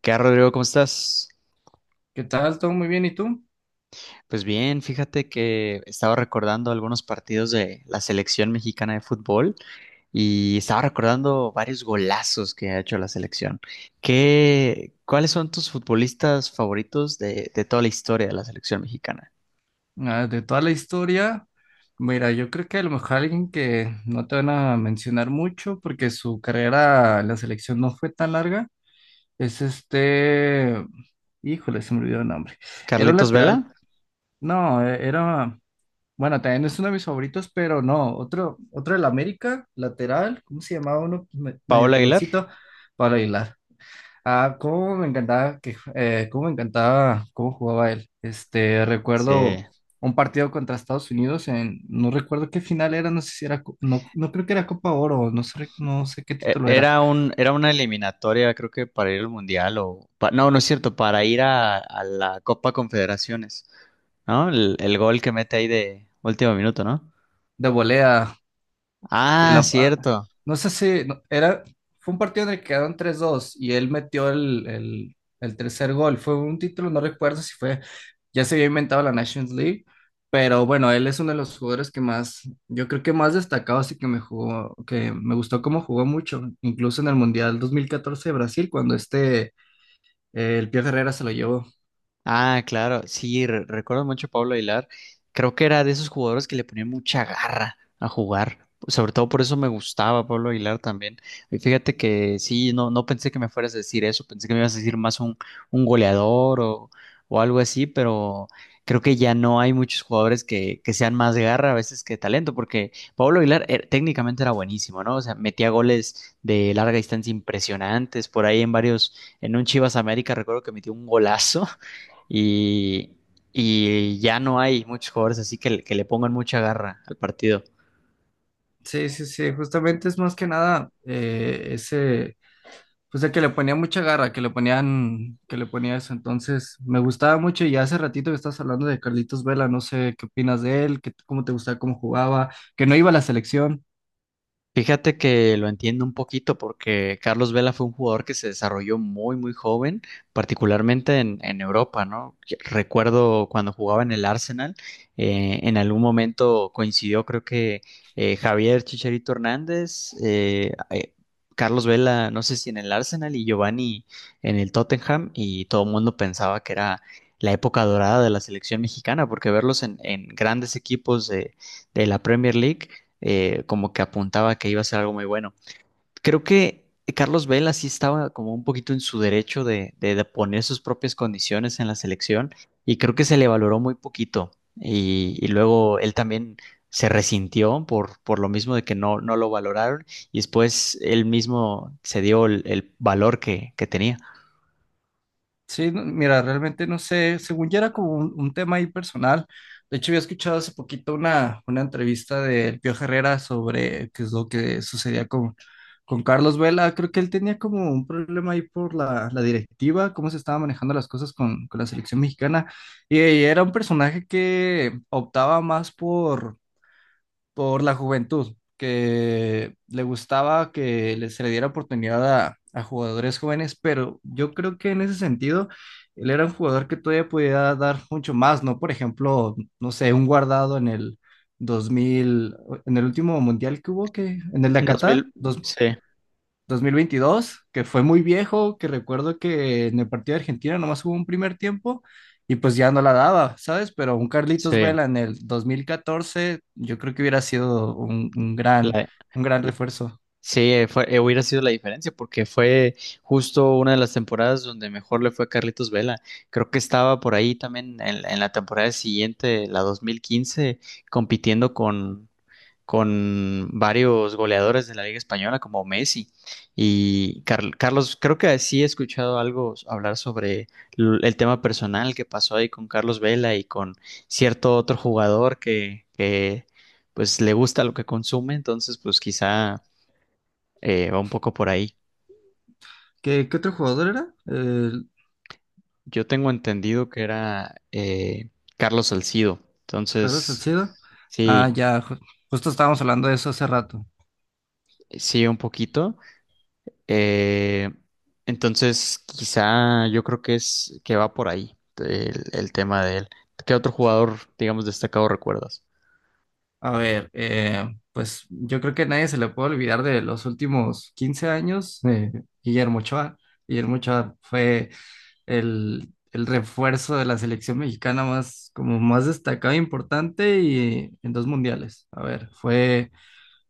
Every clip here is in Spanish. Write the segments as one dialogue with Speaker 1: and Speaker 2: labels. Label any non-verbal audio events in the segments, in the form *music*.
Speaker 1: ¿Qué tal, Rodrigo? ¿Cómo estás?
Speaker 2: ¿Qué tal? ¿Todo muy bien? ¿Y tú?
Speaker 1: Pues bien, fíjate que estaba recordando algunos partidos de la selección mexicana de fútbol y estaba recordando varios golazos que ha hecho la selección. ¿Qué, cuáles son tus futbolistas favoritos de toda la historia de la selección mexicana?
Speaker 2: Ah, de toda la historia, mira, yo creo que a lo mejor alguien que no te van a mencionar mucho porque su carrera en la selección no fue tan larga, es este, híjole, se me olvidó el nombre. Era un
Speaker 1: ¿Carletos
Speaker 2: lateral,
Speaker 1: Vela?
Speaker 2: no, era, bueno, también es uno de mis favoritos, pero no, otro del América, lateral, ¿cómo se llamaba uno? Medio
Speaker 1: ¿Paola Aguilar?
Speaker 2: peloncito, para Aguilar. Ah, cómo me encantaba cómo jugaba él. Este,
Speaker 1: Sí.
Speaker 2: recuerdo un partido contra Estados Unidos en, no recuerdo qué final era, no sé si era, no, no creo que era Copa Oro, no sé, no sé qué título era,
Speaker 1: Era era una eliminatoria, creo que para ir al Mundial o, no, no es cierto, para ir a la Copa Confederaciones. ¿No? El gol que mete ahí de último minuto, ¿no?
Speaker 2: de volea. Y
Speaker 1: Ah,
Speaker 2: la pala.
Speaker 1: cierto.
Speaker 2: No sé si no, era, fue un partido en el que quedaron 3-2 y él metió el tercer gol. Fue un título, no recuerdo si fue, ya se había inventado la Nations League, pero bueno, él es uno de los jugadores que más, yo creo que más destacado, así que me jugó, que me gustó cómo jugó mucho, incluso en el Mundial 2014 de Brasil, cuando este, el Pío Herrera se lo llevó.
Speaker 1: Ah, claro, sí, recuerdo mucho a Pablo Aguilar. Creo que era de esos jugadores que le ponían mucha garra a jugar. Sobre todo por eso me gustaba Pablo Aguilar también. Y fíjate que sí, no, no pensé que me fueras a decir eso, pensé que me ibas a decir más un goleador o algo así, pero creo que ya no hay muchos jugadores que sean más de garra a veces que talento, porque Pablo Aguilar técnicamente era buenísimo, ¿no? O sea, metía goles de larga distancia impresionantes, por ahí en varios, en un Chivas América recuerdo que metió un golazo y, y ya no hay muchos jugadores así que, que le pongan mucha garra al partido.
Speaker 2: Sí, sí, sí, justamente es más que nada pues de que le ponía mucha garra, que le ponía eso. Entonces, me gustaba mucho y hace ratito que estás hablando de Carlitos Vela, no sé qué opinas de él, qué- cómo te gustaba, cómo jugaba, que no iba a la selección.
Speaker 1: Fíjate que lo entiendo un poquito porque Carlos Vela fue un jugador que se desarrolló muy, muy joven, particularmente en Europa, ¿no? Recuerdo cuando jugaba en el Arsenal, en algún momento coincidió, creo que Javier Chicharito Hernández, Carlos Vela, no sé si en el Arsenal y Giovanni en el Tottenham, y todo el mundo pensaba que era la época dorada de la selección mexicana, porque verlos en grandes equipos de la Premier League como que apuntaba que iba a ser algo muy bueno. Creo que Carlos Vela sí estaba como un poquito en su derecho de poner sus propias condiciones en la selección y creo que se le valoró muy poquito y luego él también se resintió por lo mismo de que no, no lo valoraron y después él mismo se dio el valor que tenía.
Speaker 2: Sí, no- mira, realmente no sé, según ya era como un tema ahí personal. De hecho, había escuchado hace poquito una entrevista del Pío Herrera sobre qué es lo que sucedía con, Carlos Vela. Creo que él tenía como un problema ahí por la directiva, cómo se estaban manejando las cosas con, la selección mexicana. Y, era un personaje que optaba más por la juventud, que le gustaba que se le diera oportunidad a jugadores jóvenes, pero yo creo que en ese sentido, él era un jugador que todavía podía dar mucho más, ¿no? Por ejemplo, no sé, un guardado 2000 en el último mundial que hubo, que en el de Qatar,
Speaker 1: 2000, sí,
Speaker 2: 2022 que fue muy viejo, que recuerdo que en el partido de Argentina nomás hubo un primer tiempo y pues ya no la daba, ¿sabes? Pero un Carlitos
Speaker 1: sí.
Speaker 2: Vela en el 2014 yo creo que hubiera sido un, un gran,
Speaker 1: La-
Speaker 2: un gran refuerzo.
Speaker 1: Sí, fue, hubiera sido la diferencia porque fue justo una de las temporadas donde mejor le fue a Carlitos Vela. Creo que estaba por ahí también en la temporada siguiente, la 2015, compitiendo con varios goleadores de la Liga Española como Messi. Y Carlos, creo que sí he escuchado algo hablar sobre el tema personal que pasó ahí con Carlos Vela y con cierto otro jugador que pues le gusta lo que consume, entonces pues quizá... va un poco por ahí.
Speaker 2: ¿Qué otro jugador era? El
Speaker 1: Yo tengo entendido que era Carlos Salcido.
Speaker 2: Carlos
Speaker 1: Entonces,
Speaker 2: Salcedo. Ah,
Speaker 1: sí,
Speaker 2: ya, justo estábamos hablando de eso hace rato.
Speaker 1: sí, un poquito. Eh, entonces, quizá yo creo que es que va por ahí el tema de él. ¿Qué otro jugador, digamos, destacado recuerdas?
Speaker 2: A ver, pues yo creo que a nadie se le puede olvidar de los últimos 15 años, Guillermo Ochoa. Guillermo Ochoa fue el refuerzo de la selección mexicana más, como más destacado e importante y en dos mundiales. A ver, fue,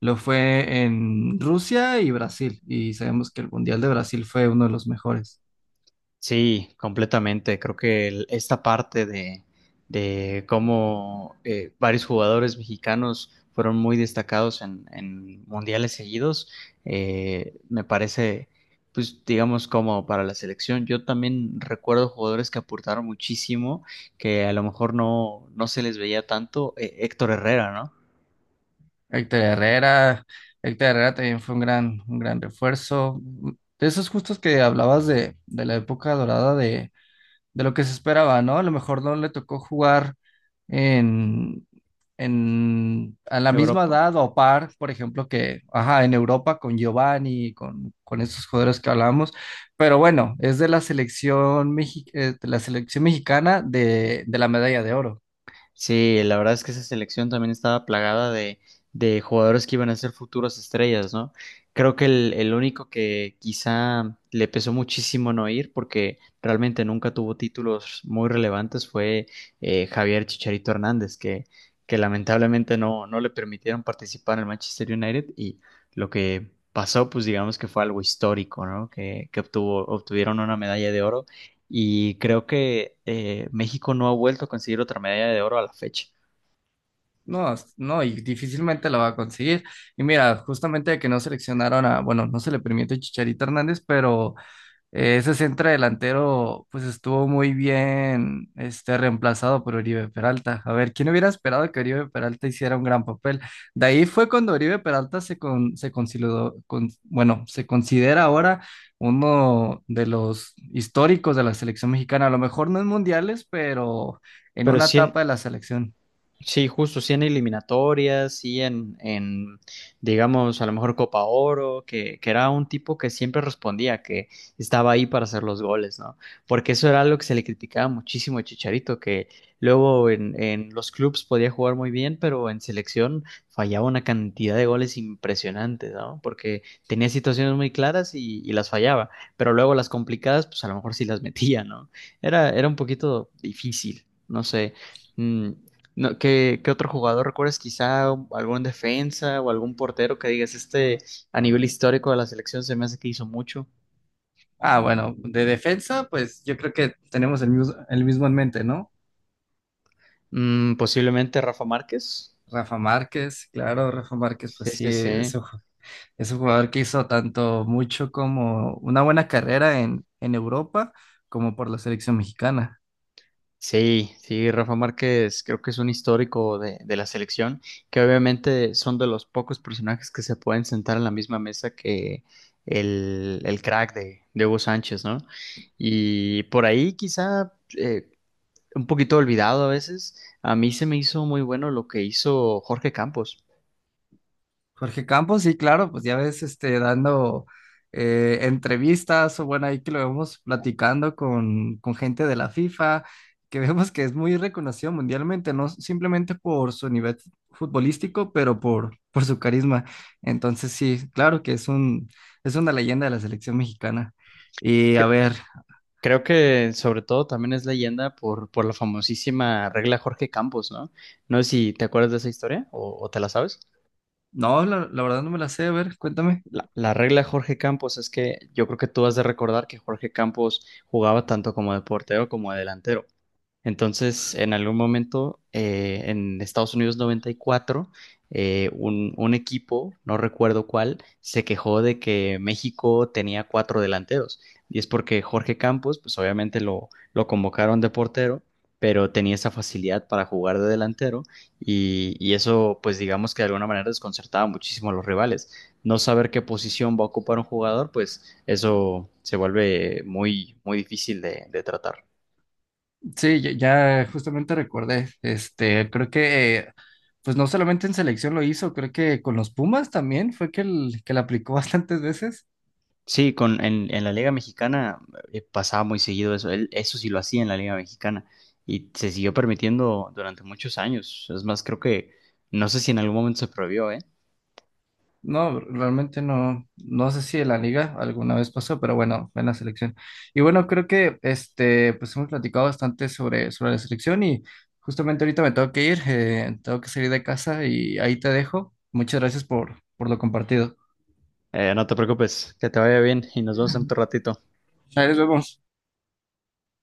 Speaker 2: lo fue en Rusia y Brasil, y sabemos que el Mundial de Brasil fue uno de los mejores.
Speaker 1: Sí, completamente. Creo que esta parte de cómo varios jugadores mexicanos fueron muy destacados en mundiales seguidos, me parece, pues digamos, como para la selección. Yo también recuerdo jugadores que aportaron muchísimo, que a lo mejor no, no se les veía tanto. Héctor Herrera, ¿no?
Speaker 2: Héctor Herrera, Héctor Herrera también fue un gran refuerzo. De esos justos que hablabas de la época dorada de lo que se esperaba, ¿no? A lo mejor no le tocó jugar en, a la misma
Speaker 1: Europa.
Speaker 2: edad o par, por ejemplo, que, ajá, en Europa con Giovanni, con estos jugadores que hablamos, pero bueno, es de la selección, de la selección mexicana de la medalla de oro.
Speaker 1: Sí, la verdad es que esa selección también estaba plagada de jugadores que iban a ser futuras estrellas, ¿no? Creo que el único que quizá le pesó muchísimo no ir, porque realmente nunca tuvo títulos muy relevantes, fue Javier Chicharito Hernández, que lamentablemente no, no le permitieron participar en el Manchester United y lo que pasó, pues digamos que fue algo histórico, ¿no? Que obtuvo, obtuvieron una medalla de oro y creo que México no ha vuelto a conseguir otra medalla de oro a la fecha.
Speaker 2: No, es- no, y difícilmente la va a conseguir. Y mira, justamente que no seleccionaron a, bueno, no se le permite a Chicharito Hernández, pero eh, ese centro delantero, pues estuvo muy bien este, reemplazado por Oribe Peralta. A ver, ¿quién hubiera esperado que Oribe Peralta hiciera un gran papel? De ahí fue cuando Oribe Peralta se, con, se consideró, con- bueno, se considera ahora uno de los históricos de la selección mexicana. A lo mejor no en mundiales, pero en
Speaker 1: Pero
Speaker 2: una
Speaker 1: sí, en-
Speaker 2: etapa de la selección.
Speaker 1: Sí, justo, sí en eliminatorias, sí en, digamos, a lo mejor Copa Oro, que era un tipo que siempre respondía, que estaba ahí para hacer los goles, ¿no? Porque eso era algo que se le criticaba muchísimo a Chicharito, que luego en los clubes podía jugar muy bien, pero en selección fallaba una cantidad de goles impresionantes, ¿no? Porque tenía situaciones muy claras y las fallaba, pero luego las complicadas, pues a lo mejor sí las metía, ¿no? Era, era un poquito difícil, no sé. Mm, no, ¿qué, qué otro jugador recuerdas? Quizá algún defensa o algún portero que digas, este a nivel histórico de la selección se me hace que hizo mucho.
Speaker 2: Ah, bueno, de defensa, pues yo creo que tenemos el mismo en mente, ¿no?
Speaker 1: Mm, posiblemente Rafa Márquez.
Speaker 2: Rafa Márquez, claro, Rafa Márquez,
Speaker 1: Sí,
Speaker 2: pues sí,
Speaker 1: sí, sí.
Speaker 2: eso es un jugador que hizo tanto mucho como una buena carrera en Europa como por la selección mexicana.
Speaker 1: Sí, sí, Rafa Márquez creo que es un histórico de la selección, que obviamente son de los pocos personajes que se pueden sentar en la misma mesa que el crack de Hugo Sánchez, ¿no? Y por ahí quizá eh, un poquito olvidado a veces. A mí se me hizo muy bueno lo que hizo Jorge Campos.
Speaker 2: Jorge Campos, sí, claro, pues ya ves, este, dando entrevistas o bueno, ahí que lo vemos platicando con, gente de la FIFA, que *laughs* vemos que es muy reconocido mundialmente, no simplemente por su nivel futbolístico, pero por su carisma. Entonces, sí, claro que es una leyenda de la selección mexicana. Y a
Speaker 1: Que-
Speaker 2: ver,
Speaker 1: Creo que sobre todo también es leyenda por la famosísima regla Jorge Campos, ¿no? No sé si te acuerdas de esa historia o te la sabes.
Speaker 2: no, la verdad no me la sé, a ver, cuéntame.
Speaker 1: La regla Jorge Campos es que yo creo que tú has de recordar que Jorge Campos jugaba tanto como de portero como de delantero. Entonces, en algún momento, en Estados Unidos 94, un equipo, no recuerdo cuál, se quejó de que México tenía cuatro delanteros. Y es porque Jorge Campos, pues obviamente lo convocaron de portero, pero tenía esa facilidad para jugar de delantero y eso, pues digamos que de alguna manera desconcertaba muchísimo a los rivales. No saber qué posición va a ocupar un jugador, pues eso se vuelve muy, muy difícil de tratar.
Speaker 2: Sí, ya, ya justamente recordé, este, creo que, pues no solamente en selección lo hizo, creo que con los Pumas también fue que, el, que la aplicó *laughs* bastantes veces.
Speaker 1: Sí, con, en la Liga Mexicana pasaba muy seguido eso. Él- eso sí lo hacía en la Liga Mexicana y se siguió permitiendo durante muchos años. Es más, creo que no sé si en algún momento se prohibió, ¿eh?
Speaker 2: No, realmente no, no sé si en la liga alguna vez pasó, pero bueno, fue en la selección. Y bueno, creo que, este, pues hemos platicado bastante sobre la selección y justamente ahorita me tengo que ir, tengo que salir de casa y ahí te dejo. Muchas gracias por, lo compartido.
Speaker 1: No te preocupes, que te vaya bien y nos vemos en otro ratito.
Speaker 2: Ahí nos vemos.